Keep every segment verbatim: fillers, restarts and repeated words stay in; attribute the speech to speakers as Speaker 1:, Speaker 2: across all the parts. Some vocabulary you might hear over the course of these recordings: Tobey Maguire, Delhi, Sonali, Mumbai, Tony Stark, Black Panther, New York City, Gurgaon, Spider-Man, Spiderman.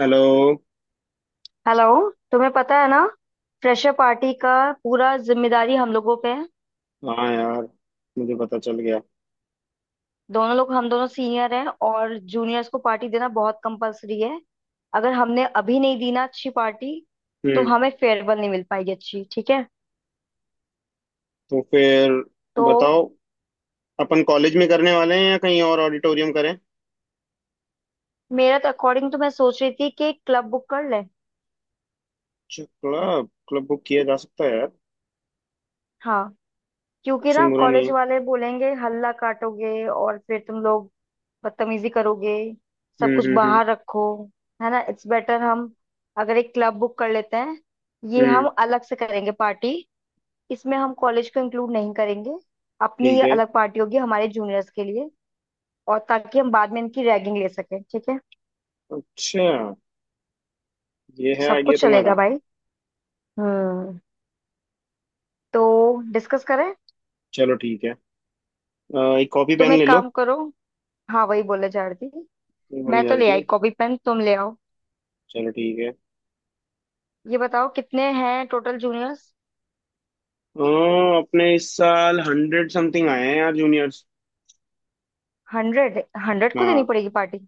Speaker 1: Hello.
Speaker 2: Hello. तुम्हें पता है ना फ्रेशर पार्टी का पूरा जिम्मेदारी हम लोगों पे है।
Speaker 1: हाँ यार, मुझे पता चल गया।
Speaker 2: दोनों लोग, हम दोनों सीनियर हैं और जूनियर्स को पार्टी देना बहुत कंपलसरी है। अगर हमने अभी नहीं दी ना अच्छी पार्टी, तो
Speaker 1: हम्म।
Speaker 2: हमें फेयरवेल नहीं मिल पाएगी अच्छी। ठीक है
Speaker 1: तो फिर
Speaker 2: तो
Speaker 1: बताओ, अपन कॉलेज में करने वाले हैं या कहीं और ऑडिटोरियम करें?
Speaker 2: मेरा तो अकॉर्डिंग तो मैं सोच रही थी कि एक क्लब बुक कर ले।
Speaker 1: अच्छा, क्लब क्लब बुक किया जा सकता है यार।
Speaker 2: हाँ, क्योंकि ना
Speaker 1: ऑप्शन बुरा नहीं
Speaker 2: कॉलेज
Speaker 1: है।
Speaker 2: वाले बोलेंगे हल्ला काटोगे और फिर तुम लोग बदतमीजी करोगे,
Speaker 1: हम्म
Speaker 2: सब कुछ
Speaker 1: हम्म हम्म
Speaker 2: बाहर रखो। है ना, इट्स बेटर हम अगर एक क्लब बुक कर लेते हैं। ये
Speaker 1: हम्म।
Speaker 2: हम अलग से करेंगे पार्टी, इसमें हम कॉलेज को इंक्लूड नहीं करेंगे। अपनी
Speaker 1: ठीक
Speaker 2: ये
Speaker 1: है।
Speaker 2: अलग पार्टी होगी हमारे जूनियर्स के लिए और ताकि हम बाद में इनकी रैगिंग ले सकें। ठीक है,
Speaker 1: अच्छा, ये है
Speaker 2: सब
Speaker 1: आइडिया
Speaker 2: कुछ चलेगा
Speaker 1: तुम्हारा?
Speaker 2: भाई। हम्म, तो डिस्कस करें।
Speaker 1: चलो ठीक है। अ, एक कॉपी
Speaker 2: तुम
Speaker 1: पेन
Speaker 2: एक
Speaker 1: ले लो।
Speaker 2: काम करो, हाँ वही बोले जा रही थी,
Speaker 1: ये भूल
Speaker 2: मैं
Speaker 1: नहीं जा
Speaker 2: तो
Speaker 1: रही
Speaker 2: ले आई
Speaker 1: थी।
Speaker 2: कॉपी पेन, तुम ले आओ।
Speaker 1: चलो ठीक है। अ,
Speaker 2: ये बताओ कितने हैं टोटल जूनियर्स।
Speaker 1: अपने इस साल हंड्रेड समथिंग आए हैं यार जूनियर्स।
Speaker 2: हंड्रेड, हंड्रेड को देनी
Speaker 1: हाँ।
Speaker 2: पड़ेगी पार्टी।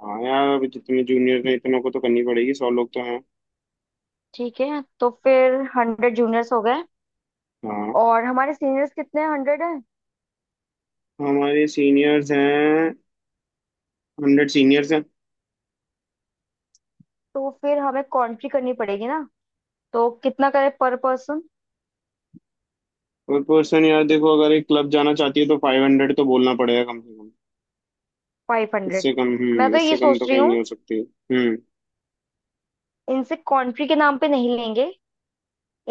Speaker 1: हाँ यार, अभी जितने जूनियर हैं इतनों को तो करनी पड़ेगी, सौ लोग तो हैं।
Speaker 2: ठीक है तो फिर हंड्रेड जूनियर्स हो गए
Speaker 1: हाँ।
Speaker 2: और हमारे सीनियर्स कितने, हंड्रेड हैं।
Speaker 1: हमारे सीनियर्स हैं, हंड्रेड सीनियर्स हैं।
Speaker 2: तो फिर हमें कॉन्ट्री करनी पड़ेगी ना। तो कितना करें पर पर्सन।
Speaker 1: पर पर्सन यार देखो, अगर एक क्लब जाना चाहती है तो फाइव हंड्रेड तो बोलना पड़ेगा कम से कम।
Speaker 2: फाइव हंड्रेड,
Speaker 1: इससे कम
Speaker 2: मैं
Speaker 1: हम्म
Speaker 2: तो
Speaker 1: इससे
Speaker 2: ये
Speaker 1: कम तो
Speaker 2: सोच रही
Speaker 1: कहीं नहीं
Speaker 2: हूँ,
Speaker 1: हो सकती। हम्म।
Speaker 2: इनसे कॉन्ट्री के नाम पे नहीं लेंगे।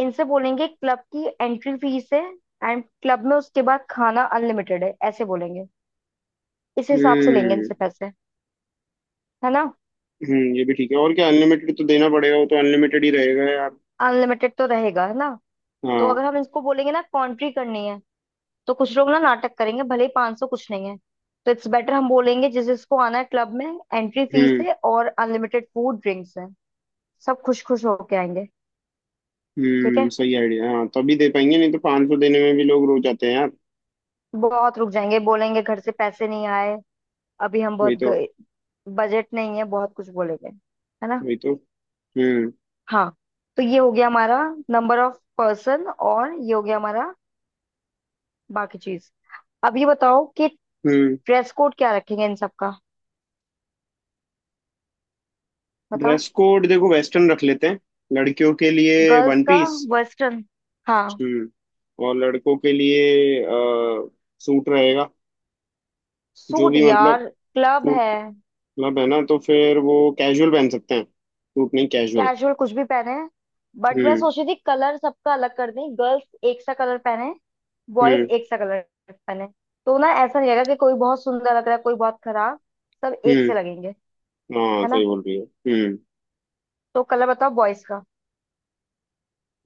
Speaker 2: इनसे बोलेंगे क्लब की एंट्री फीस है, एंड क्लब में उसके बाद खाना अनलिमिटेड है, ऐसे बोलेंगे। इस हिसाब से लेंगे
Speaker 1: हम्म
Speaker 2: इनसे पैसे, है ना।
Speaker 1: हम्म। ये भी ठीक है और क्या, अनलिमिटेड तो देना पड़ेगा, वो तो अनलिमिटेड ही रहेगा यार।
Speaker 2: अनलिमिटेड तो रहेगा, है ना। तो अगर
Speaker 1: हाँ।
Speaker 2: हम इसको बोलेंगे ना कॉन्ट्री करनी है, तो कुछ लोग ना नाटक करेंगे, भले ही पांच सौ कुछ नहीं है। तो इट्स बेटर हम बोलेंगे जिस जिसको आना है क्लब में एंट्री फीस
Speaker 1: हम्म
Speaker 2: है और अनलिमिटेड फूड ड्रिंक्स है। सब खुश खुश होके आएंगे। ठीक
Speaker 1: हम्म
Speaker 2: है,
Speaker 1: सही आइडिया है। हाँ तभी दे पाएंगे, नहीं तो पाँच सौ देने में भी लोग रो जाते हैं यार।
Speaker 2: बहुत रुक जाएंगे, बोलेंगे घर से पैसे नहीं आए, अभी हम
Speaker 1: वही
Speaker 2: बहुत
Speaker 1: तो।
Speaker 2: बजट नहीं है, बहुत कुछ बोलेंगे, है ना।
Speaker 1: वही तो। हम्म
Speaker 2: हाँ, तो ये हो गया हमारा नंबर ऑफ पर्सन और ये हो गया हमारा बाकी चीज। अब ये बताओ कि
Speaker 1: हम्म।
Speaker 2: ड्रेस कोड क्या रखेंगे इन सब का, बताओ।
Speaker 1: ड्रेस कोड देखो, वेस्टर्न रख लेते हैं, लड़कियों के लिए
Speaker 2: गर्ल्स
Speaker 1: वन
Speaker 2: का
Speaker 1: पीस।
Speaker 2: वेस्टर्न, हाँ।
Speaker 1: हम्म। और लड़कों के लिए अ, सूट रहेगा। जो
Speaker 2: सूट
Speaker 1: भी मतलब
Speaker 2: यार, क्लब
Speaker 1: सूट
Speaker 2: है।
Speaker 1: मतलब, है ना, तो फिर वो कैजुअल पहन सकते हैं, सूट नहीं, कैजुअल।
Speaker 2: कैजुअल कुछ भी पहने, बट मैं
Speaker 1: हम्म
Speaker 2: सोच रही थी कलर सबका अलग कर दें। गर्ल्स एक सा कलर पहने, बॉयज
Speaker 1: हम्म
Speaker 2: एक सा कलर पहने। तो ना ऐसा नहीं लगेगा कि कोई बहुत सुंदर लग रहा है कोई बहुत खराब, सब एक
Speaker 1: हम्म
Speaker 2: से लगेंगे,
Speaker 1: हाँ
Speaker 2: है
Speaker 1: सही
Speaker 2: ना।
Speaker 1: बोल रही है। हम्म।
Speaker 2: तो कलर बताओ बॉयज का।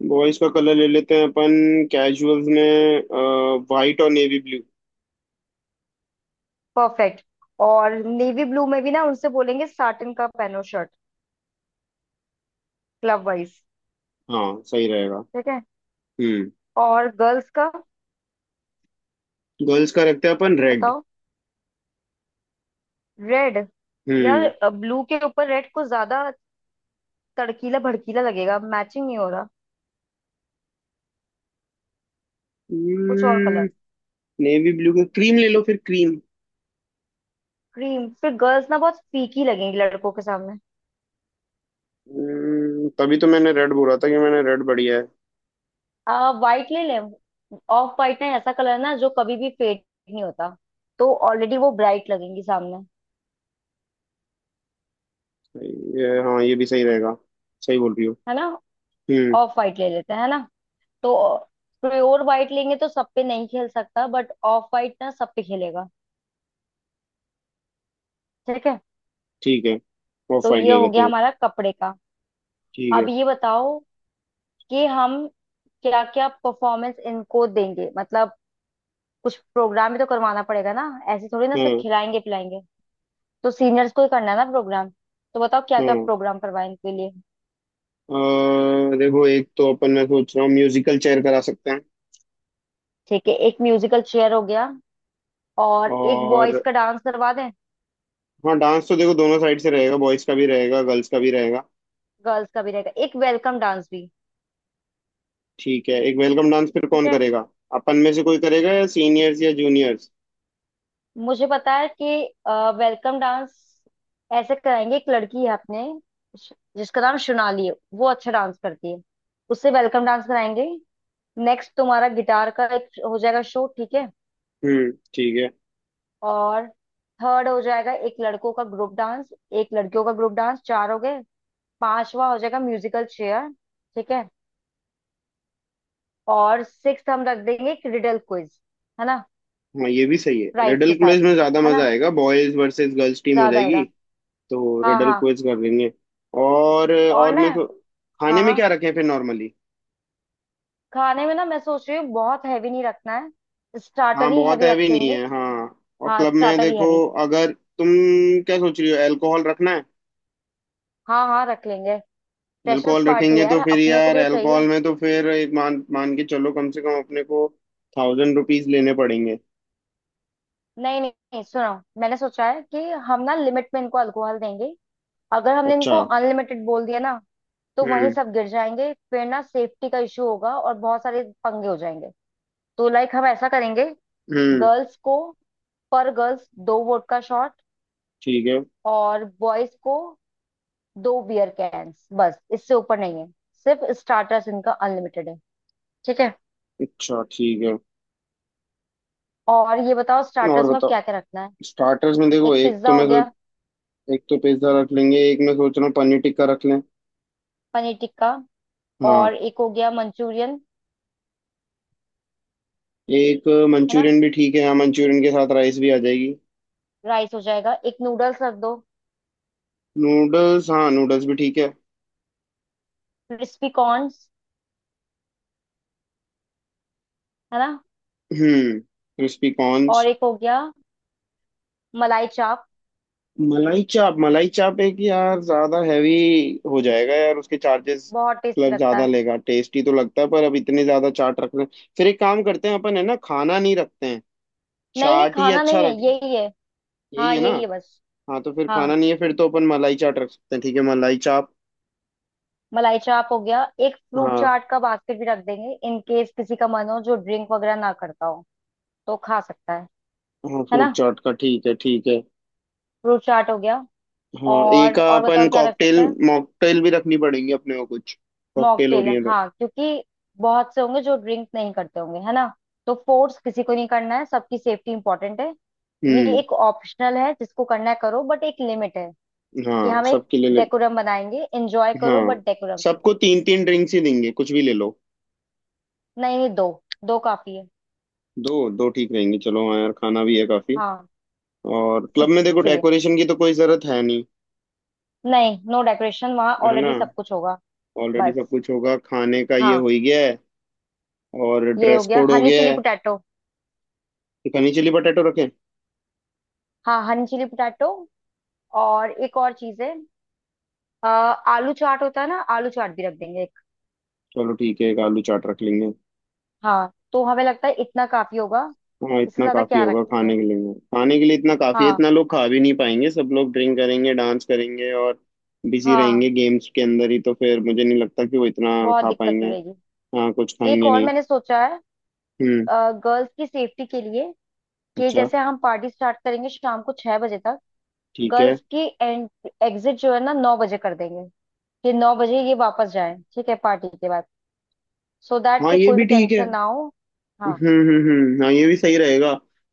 Speaker 1: बॉयज का कलर ले लेते हैं अपन, कैजुअल्स में वाइट और नेवी ब्लू।
Speaker 2: परफेक्ट, और नेवी ब्लू में भी ना उनसे बोलेंगे साटिन का पहनो शर्ट, क्लब वाइज।
Speaker 1: हाँ सही रहेगा।
Speaker 2: ठीक है,
Speaker 1: हम्म।
Speaker 2: और गर्ल्स का
Speaker 1: गर्ल्स का रखते हैं अपन रेड।
Speaker 2: बताओ। रेड,
Speaker 1: हम्म।
Speaker 2: यार ब्लू के ऊपर रेड कुछ ज्यादा तड़कीला भड़कीला लगेगा, मैचिंग नहीं हो रहा, कुछ और कलर।
Speaker 1: नेवी ब्लू का क्रीम ले लो, फिर क्रीम।
Speaker 2: क्रीम फिर गर्ल्स ना बहुत फीकी लगेंगी लड़कों के सामने।
Speaker 1: हम्म, तभी तो मैंने रेड बोला था, कि मैंने रेड बढ़िया है।
Speaker 2: आ वाइट ले लें, ऑफ वाइट, ना ऐसा कलर ना जो कभी भी फेड नहीं होता। तो ऑलरेडी वो ब्राइट लगेंगी सामने,
Speaker 1: ये हाँ, ये भी सही रहेगा। सही बोल रही हो।
Speaker 2: है ना।
Speaker 1: हम्म।
Speaker 2: ऑफ वाइट ले लेते हैं, है ना। तो प्योर वाइट लेंगे तो सब पे नहीं खेल सकता, बट ऑफ वाइट ना सब पे खेलेगा। ठीक है,
Speaker 1: ठीक है, ऑफ
Speaker 2: तो
Speaker 1: वाइट
Speaker 2: ये
Speaker 1: ले
Speaker 2: हो
Speaker 1: लेते
Speaker 2: गया
Speaker 1: हैं।
Speaker 2: हमारा कपड़े का।
Speaker 1: ठीक
Speaker 2: अब
Speaker 1: है।
Speaker 2: ये बताओ कि हम क्या क्या परफॉर्मेंस इनको देंगे, मतलब कुछ प्रोग्राम भी तो करवाना पड़ेगा ना, ऐसे थोड़ी ना सिर्फ
Speaker 1: हाँ
Speaker 2: खिलाएंगे पिलाएंगे। तो सीनियर्स को ही करना है ना प्रोग्राम, तो बताओ क्या क्या
Speaker 1: हाँ।
Speaker 2: प्रोग्राम करवाएं इनके लिए।
Speaker 1: अ, देखो एक तो अपन मैं सोच रहा हूँ म्यूजिकल चेयर करा सकते हैं।
Speaker 2: ठीक है, एक म्यूजिकल चेयर हो गया और एक बॉयज
Speaker 1: और
Speaker 2: का डांस करवा दें।
Speaker 1: हाँ डांस तो देखो, दोनों साइड से रहेगा, बॉयज का भी रहेगा गर्ल्स का भी रहेगा।
Speaker 2: गर्ल्स का भी रहेगा, एक वेलकम डांस भी।
Speaker 1: ठीक है, एक वेलकम डांस फिर
Speaker 2: ठीक
Speaker 1: कौन
Speaker 2: है,
Speaker 1: करेगा? अपन में से कोई करेगा या सीनियर्स या जूनियर्स?
Speaker 2: मुझे पता है कि वेलकम डांस ऐसे कराएंगे, एक लड़की है अपने श- जिसका नाम सोनाली है, वो अच्छा डांस करती है, उससे वेलकम डांस कराएंगे। नेक्स्ट तुम्हारा गिटार का एक हो जाएगा शो, ठीक है।
Speaker 1: हम्म ठीक है।
Speaker 2: और थर्ड हो जाएगा एक लड़कों का ग्रुप डांस, एक लड़कियों का ग्रुप डांस, चार हो गए। पांचवा हो जाएगा म्यूजिकल चेयर, ठीक है। और सिक्स हम रख देंगे एक रिडल क्विज, है ना,
Speaker 1: हाँ ये भी सही है,
Speaker 2: प्राइस
Speaker 1: रिडल
Speaker 2: के साथ,
Speaker 1: क्विज में ज्यादा
Speaker 2: है
Speaker 1: मजा
Speaker 2: ना,
Speaker 1: आएगा, बॉयज वर्सेस गर्ल्स टीम हो
Speaker 2: ज्यादा
Speaker 1: जाएगी।
Speaker 2: आएगा।
Speaker 1: तो
Speaker 2: हाँ
Speaker 1: रिडल
Speaker 2: हाँ,
Speaker 1: क्विज कर लेंगे। और
Speaker 2: और
Speaker 1: और
Speaker 2: ना।
Speaker 1: मैं तो खाने
Speaker 2: हाँ
Speaker 1: में
Speaker 2: हाँ,
Speaker 1: क्या रखें फिर नॉर्मली?
Speaker 2: खाने में ना मैं सोच रही हूँ बहुत हैवी नहीं रखना है, स्टार्टर
Speaker 1: हाँ
Speaker 2: ही
Speaker 1: बहुत
Speaker 2: हैवी
Speaker 1: हैवी नहीं
Speaker 2: रखेंगे।
Speaker 1: है, हाँ। और
Speaker 2: हाँ,
Speaker 1: क्लब में
Speaker 2: स्टार्टर ही
Speaker 1: देखो,
Speaker 2: हैवी।
Speaker 1: अगर तुम क्या सोच रही हो, अल्कोहल रखना है?
Speaker 2: हाँ हाँ रख लेंगे, फ्रेशर्स
Speaker 1: अल्कोहल
Speaker 2: पार्टी है
Speaker 1: रखेंगे
Speaker 2: यार,
Speaker 1: तो फिर
Speaker 2: अपने को
Speaker 1: यार,
Speaker 2: भी तो चाहिए।
Speaker 1: अल्कोहल में तो फिर एक मान मान के चलो, कम से कम अपने को थाउजेंड रुपीज लेने पड़ेंगे।
Speaker 2: नहीं नहीं नहीं, सुनो, मैंने सोचा है कि हम ना लिमिट में इनको अल्कोहल देंगे। अगर हमने
Speaker 1: अच्छा।
Speaker 2: इनको अनलिमिटेड बोल दिया ना, तो वहीं
Speaker 1: हम्म
Speaker 2: सब गिर जाएंगे फिर, ना सेफ्टी का इशू होगा और बहुत सारे पंगे हो जाएंगे। तो लाइक हम ऐसा करेंगे,
Speaker 1: हम्म
Speaker 2: गर्ल्स को, पर गर्ल्स दो वोडका शॉट,
Speaker 1: ठीक है।
Speaker 2: और बॉयज को दो बियर कैंस, बस इससे ऊपर नहीं है। सिर्फ स्टार्टर्स इनका अनलिमिटेड है, ठीक है।
Speaker 1: अच्छा ठीक है,
Speaker 2: और ये बताओ
Speaker 1: और
Speaker 2: स्टार्टर्स में
Speaker 1: बताओ
Speaker 2: क्या क्या रखना है।
Speaker 1: स्टार्टर्स में देखो,
Speaker 2: एक
Speaker 1: एक
Speaker 2: पिज्जा
Speaker 1: तो
Speaker 2: हो
Speaker 1: मैं सो-
Speaker 2: गया,
Speaker 1: एक तो पिज्जा रख लेंगे, एक मैं सोच रहा हूँ पनीर टिक्का रख लें।
Speaker 2: पनीर टिक्का,
Speaker 1: हाँ,
Speaker 2: और एक हो गया मंचूरियन,
Speaker 1: एक
Speaker 2: है ना।
Speaker 1: मंचूरियन भी ठीक है, हाँ मंचूरियन के साथ राइस भी आ जाएगी।
Speaker 2: राइस हो जाएगा, एक नूडल्स रख दो,
Speaker 1: नूडल्स हाँ नूडल्स भी ठीक है।
Speaker 2: क्रिस्पी कॉर्न्स, है ना।
Speaker 1: हम्म क्रिस्पी
Speaker 2: और
Speaker 1: कॉर्न्स।
Speaker 2: एक हो गया मलाई चाप,
Speaker 1: मलाई चाप, मलाई चाप एक यार ज्यादा हैवी हो जाएगा यार, उसके चार्जेस
Speaker 2: बहुत टेस्टी
Speaker 1: मतलब
Speaker 2: लगता
Speaker 1: ज्यादा
Speaker 2: है।
Speaker 1: लेगा। टेस्टी तो लगता है पर अब इतने ज्यादा चाट रख रहे हैं, फिर एक काम करते हैं अपन, है ना, खाना नहीं रखते हैं।
Speaker 2: नहीं नहीं
Speaker 1: चाट ही
Speaker 2: खाना
Speaker 1: अच्छा
Speaker 2: नहीं है,
Speaker 1: रख,
Speaker 2: यही है।
Speaker 1: यही
Speaker 2: हाँ
Speaker 1: है ना।
Speaker 2: यही है बस।
Speaker 1: हाँ तो फिर खाना
Speaker 2: हाँ,
Speaker 1: नहीं है, फिर तो अपन मलाई चाट रख सकते हैं, ठीक है मलाई चाप।
Speaker 2: मलाई चाप हो गया, एक फ्रूट
Speaker 1: हाँ
Speaker 2: चाट का बास्केट भी रख देंगे, इन केस किसी का मन हो जो ड्रिंक वगैरह ना करता हो तो खा सकता है
Speaker 1: हाँ,
Speaker 2: है ना।
Speaker 1: फ्रूट चाट का ठीक है, ठीक है।
Speaker 2: फ्रूट चाट हो गया,
Speaker 1: हाँ एक
Speaker 2: और और बताओ
Speaker 1: अपन
Speaker 2: क्या रख सकते
Speaker 1: कॉकटेल
Speaker 2: हैं।
Speaker 1: मॉकटेल भी रखनी पड़ेगी अपने को कुछ, कॉकटेल हो
Speaker 2: मॉकटेल,
Speaker 1: रही है तो।
Speaker 2: हाँ, क्योंकि बहुत से होंगे जो ड्रिंक नहीं करते होंगे, है ना। तो फोर्स किसी को नहीं करना है, सबकी सेफ्टी इंपॉर्टेंट है। ये
Speaker 1: हम्म।
Speaker 2: एक ऑप्शनल है, जिसको करना है करो, बट एक लिमिट है कि
Speaker 1: हाँ
Speaker 2: हम एक
Speaker 1: सबके लिए ले,
Speaker 2: डेकोरम बनाएंगे, एंजॉय करो
Speaker 1: हाँ
Speaker 2: बट डेकोरम।
Speaker 1: सबको तीन तीन ड्रिंक्स ही देंगे, कुछ भी ले लो।
Speaker 2: नहीं नहीं, दो दो काफी है।
Speaker 1: दो दो ठीक रहेंगे, चलो हाँ यार खाना भी है काफी।
Speaker 2: हाँ,
Speaker 1: और क्लब में देखो,
Speaker 2: इसीलिए,
Speaker 1: डेकोरेशन की तो कोई जरूरत है नहीं,
Speaker 2: नहीं, नो डेकोरेशन, वहाँ
Speaker 1: है ना,
Speaker 2: ऑलरेडी सब कुछ होगा,
Speaker 1: ऑलरेडी सब
Speaker 2: बस।
Speaker 1: कुछ होगा, खाने का ये हो
Speaker 2: हाँ,
Speaker 1: ही गया है। और
Speaker 2: ये हो
Speaker 1: ड्रेस
Speaker 2: गया
Speaker 1: कोड हो
Speaker 2: हनी
Speaker 1: गया
Speaker 2: चिली
Speaker 1: है।
Speaker 2: पोटैटो।
Speaker 1: एक हनी चिली पटेटो रखें।
Speaker 2: हाँ हनी चिली पोटैटो, और एक और चीज है, अ, आलू चाट होता है ना, आलू चाट भी रख देंगे एक।
Speaker 1: चलो ठीक है, एक आलू चाट रख लेंगे।
Speaker 2: हाँ, तो हमें लगता है इतना काफी होगा,
Speaker 1: हाँ
Speaker 2: इससे
Speaker 1: इतना
Speaker 2: ज्यादा
Speaker 1: काफी
Speaker 2: क्या
Speaker 1: होगा
Speaker 2: रखेंगे।
Speaker 1: खाने के लिए, खाने के लिए इतना काफी है,
Speaker 2: हाँ
Speaker 1: इतना लोग खा भी नहीं पाएंगे, सब लोग ड्रिंक करेंगे डांस करेंगे और बिजी रहेंगे
Speaker 2: हाँ,
Speaker 1: गेम्स के अंदर ही, तो फिर मुझे नहीं लगता कि वो इतना
Speaker 2: बहुत
Speaker 1: खा
Speaker 2: दिक्कत
Speaker 1: पाएंगे।
Speaker 2: हो रहेगी।
Speaker 1: हाँ कुछ
Speaker 2: एक
Speaker 1: खाएंगे
Speaker 2: और
Speaker 1: नहीं।
Speaker 2: मैंने सोचा है,
Speaker 1: हम्म।
Speaker 2: गर्ल्स की सेफ्टी के लिए, कि
Speaker 1: अच्छा
Speaker 2: जैसे हम पार्टी स्टार्ट करेंगे शाम को छह बजे तक,
Speaker 1: ठीक है।
Speaker 2: गर्ल्स की एंड एग्जिट जो है ना नौ बजे कर देंगे, कि नौ बजे ये वापस जाए, ठीक है, पार्टी के बाद, सो दैट
Speaker 1: हाँ
Speaker 2: कि
Speaker 1: ये
Speaker 2: कोई
Speaker 1: भी
Speaker 2: भी
Speaker 1: ठीक है।
Speaker 2: टेंशन ना हो। हाँ
Speaker 1: हम्म हम्म हम्म हाँ ये भी सही रहेगा।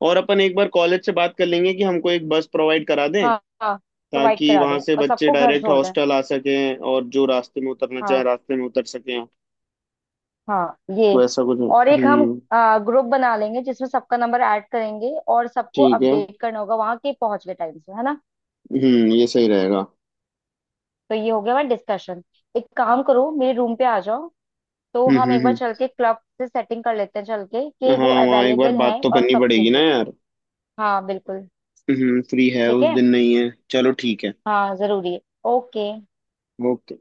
Speaker 1: और अपन एक बार कॉलेज से बात कर लेंगे कि हमको एक बस प्रोवाइड करा दें,
Speaker 2: हाँ हाँ, प्रोवाइड
Speaker 1: ताकि
Speaker 2: करा
Speaker 1: वहां
Speaker 2: दें
Speaker 1: से
Speaker 2: और
Speaker 1: बच्चे
Speaker 2: सबको घर
Speaker 1: डायरेक्ट
Speaker 2: छोड़ दें।
Speaker 1: हॉस्टल आ सकें और जो रास्ते में उतरना चाहे
Speaker 2: हाँ
Speaker 1: रास्ते में उतर सकें,
Speaker 2: हाँ ये,
Speaker 1: वैसा कुछ।
Speaker 2: और एक हम
Speaker 1: हम्म
Speaker 2: ग्रुप बना लेंगे जिसमें सबका नंबर ऐड करेंगे और सबको
Speaker 1: ठीक है।
Speaker 2: अपडेट करना होगा वहां के पहुंच गए टाइम से, है ना।
Speaker 1: हम्म ये सही रहेगा।
Speaker 2: तो ये हो गया हमारा डिस्कशन, एक काम करो मेरे रूम पे आ जाओ, तो
Speaker 1: हम्म
Speaker 2: हम
Speaker 1: हम्म
Speaker 2: एक बार
Speaker 1: हम्म।
Speaker 2: चल के क्लब से सेटिंग कर लेते हैं चल के कि
Speaker 1: हाँ
Speaker 2: वो
Speaker 1: वहाँ एक बार
Speaker 2: अवेलेबल
Speaker 1: बात
Speaker 2: है
Speaker 1: तो
Speaker 2: और
Speaker 1: करनी
Speaker 2: कब के
Speaker 1: पड़ेगी ना
Speaker 2: लिए।
Speaker 1: यार।
Speaker 2: हाँ बिल्कुल,
Speaker 1: हम्म हम्म, फ्री है
Speaker 2: ठीक
Speaker 1: उस
Speaker 2: है,
Speaker 1: दिन? नहीं है, चलो ठीक है।
Speaker 2: हाँ जरूरी है। ओके।
Speaker 1: ओके।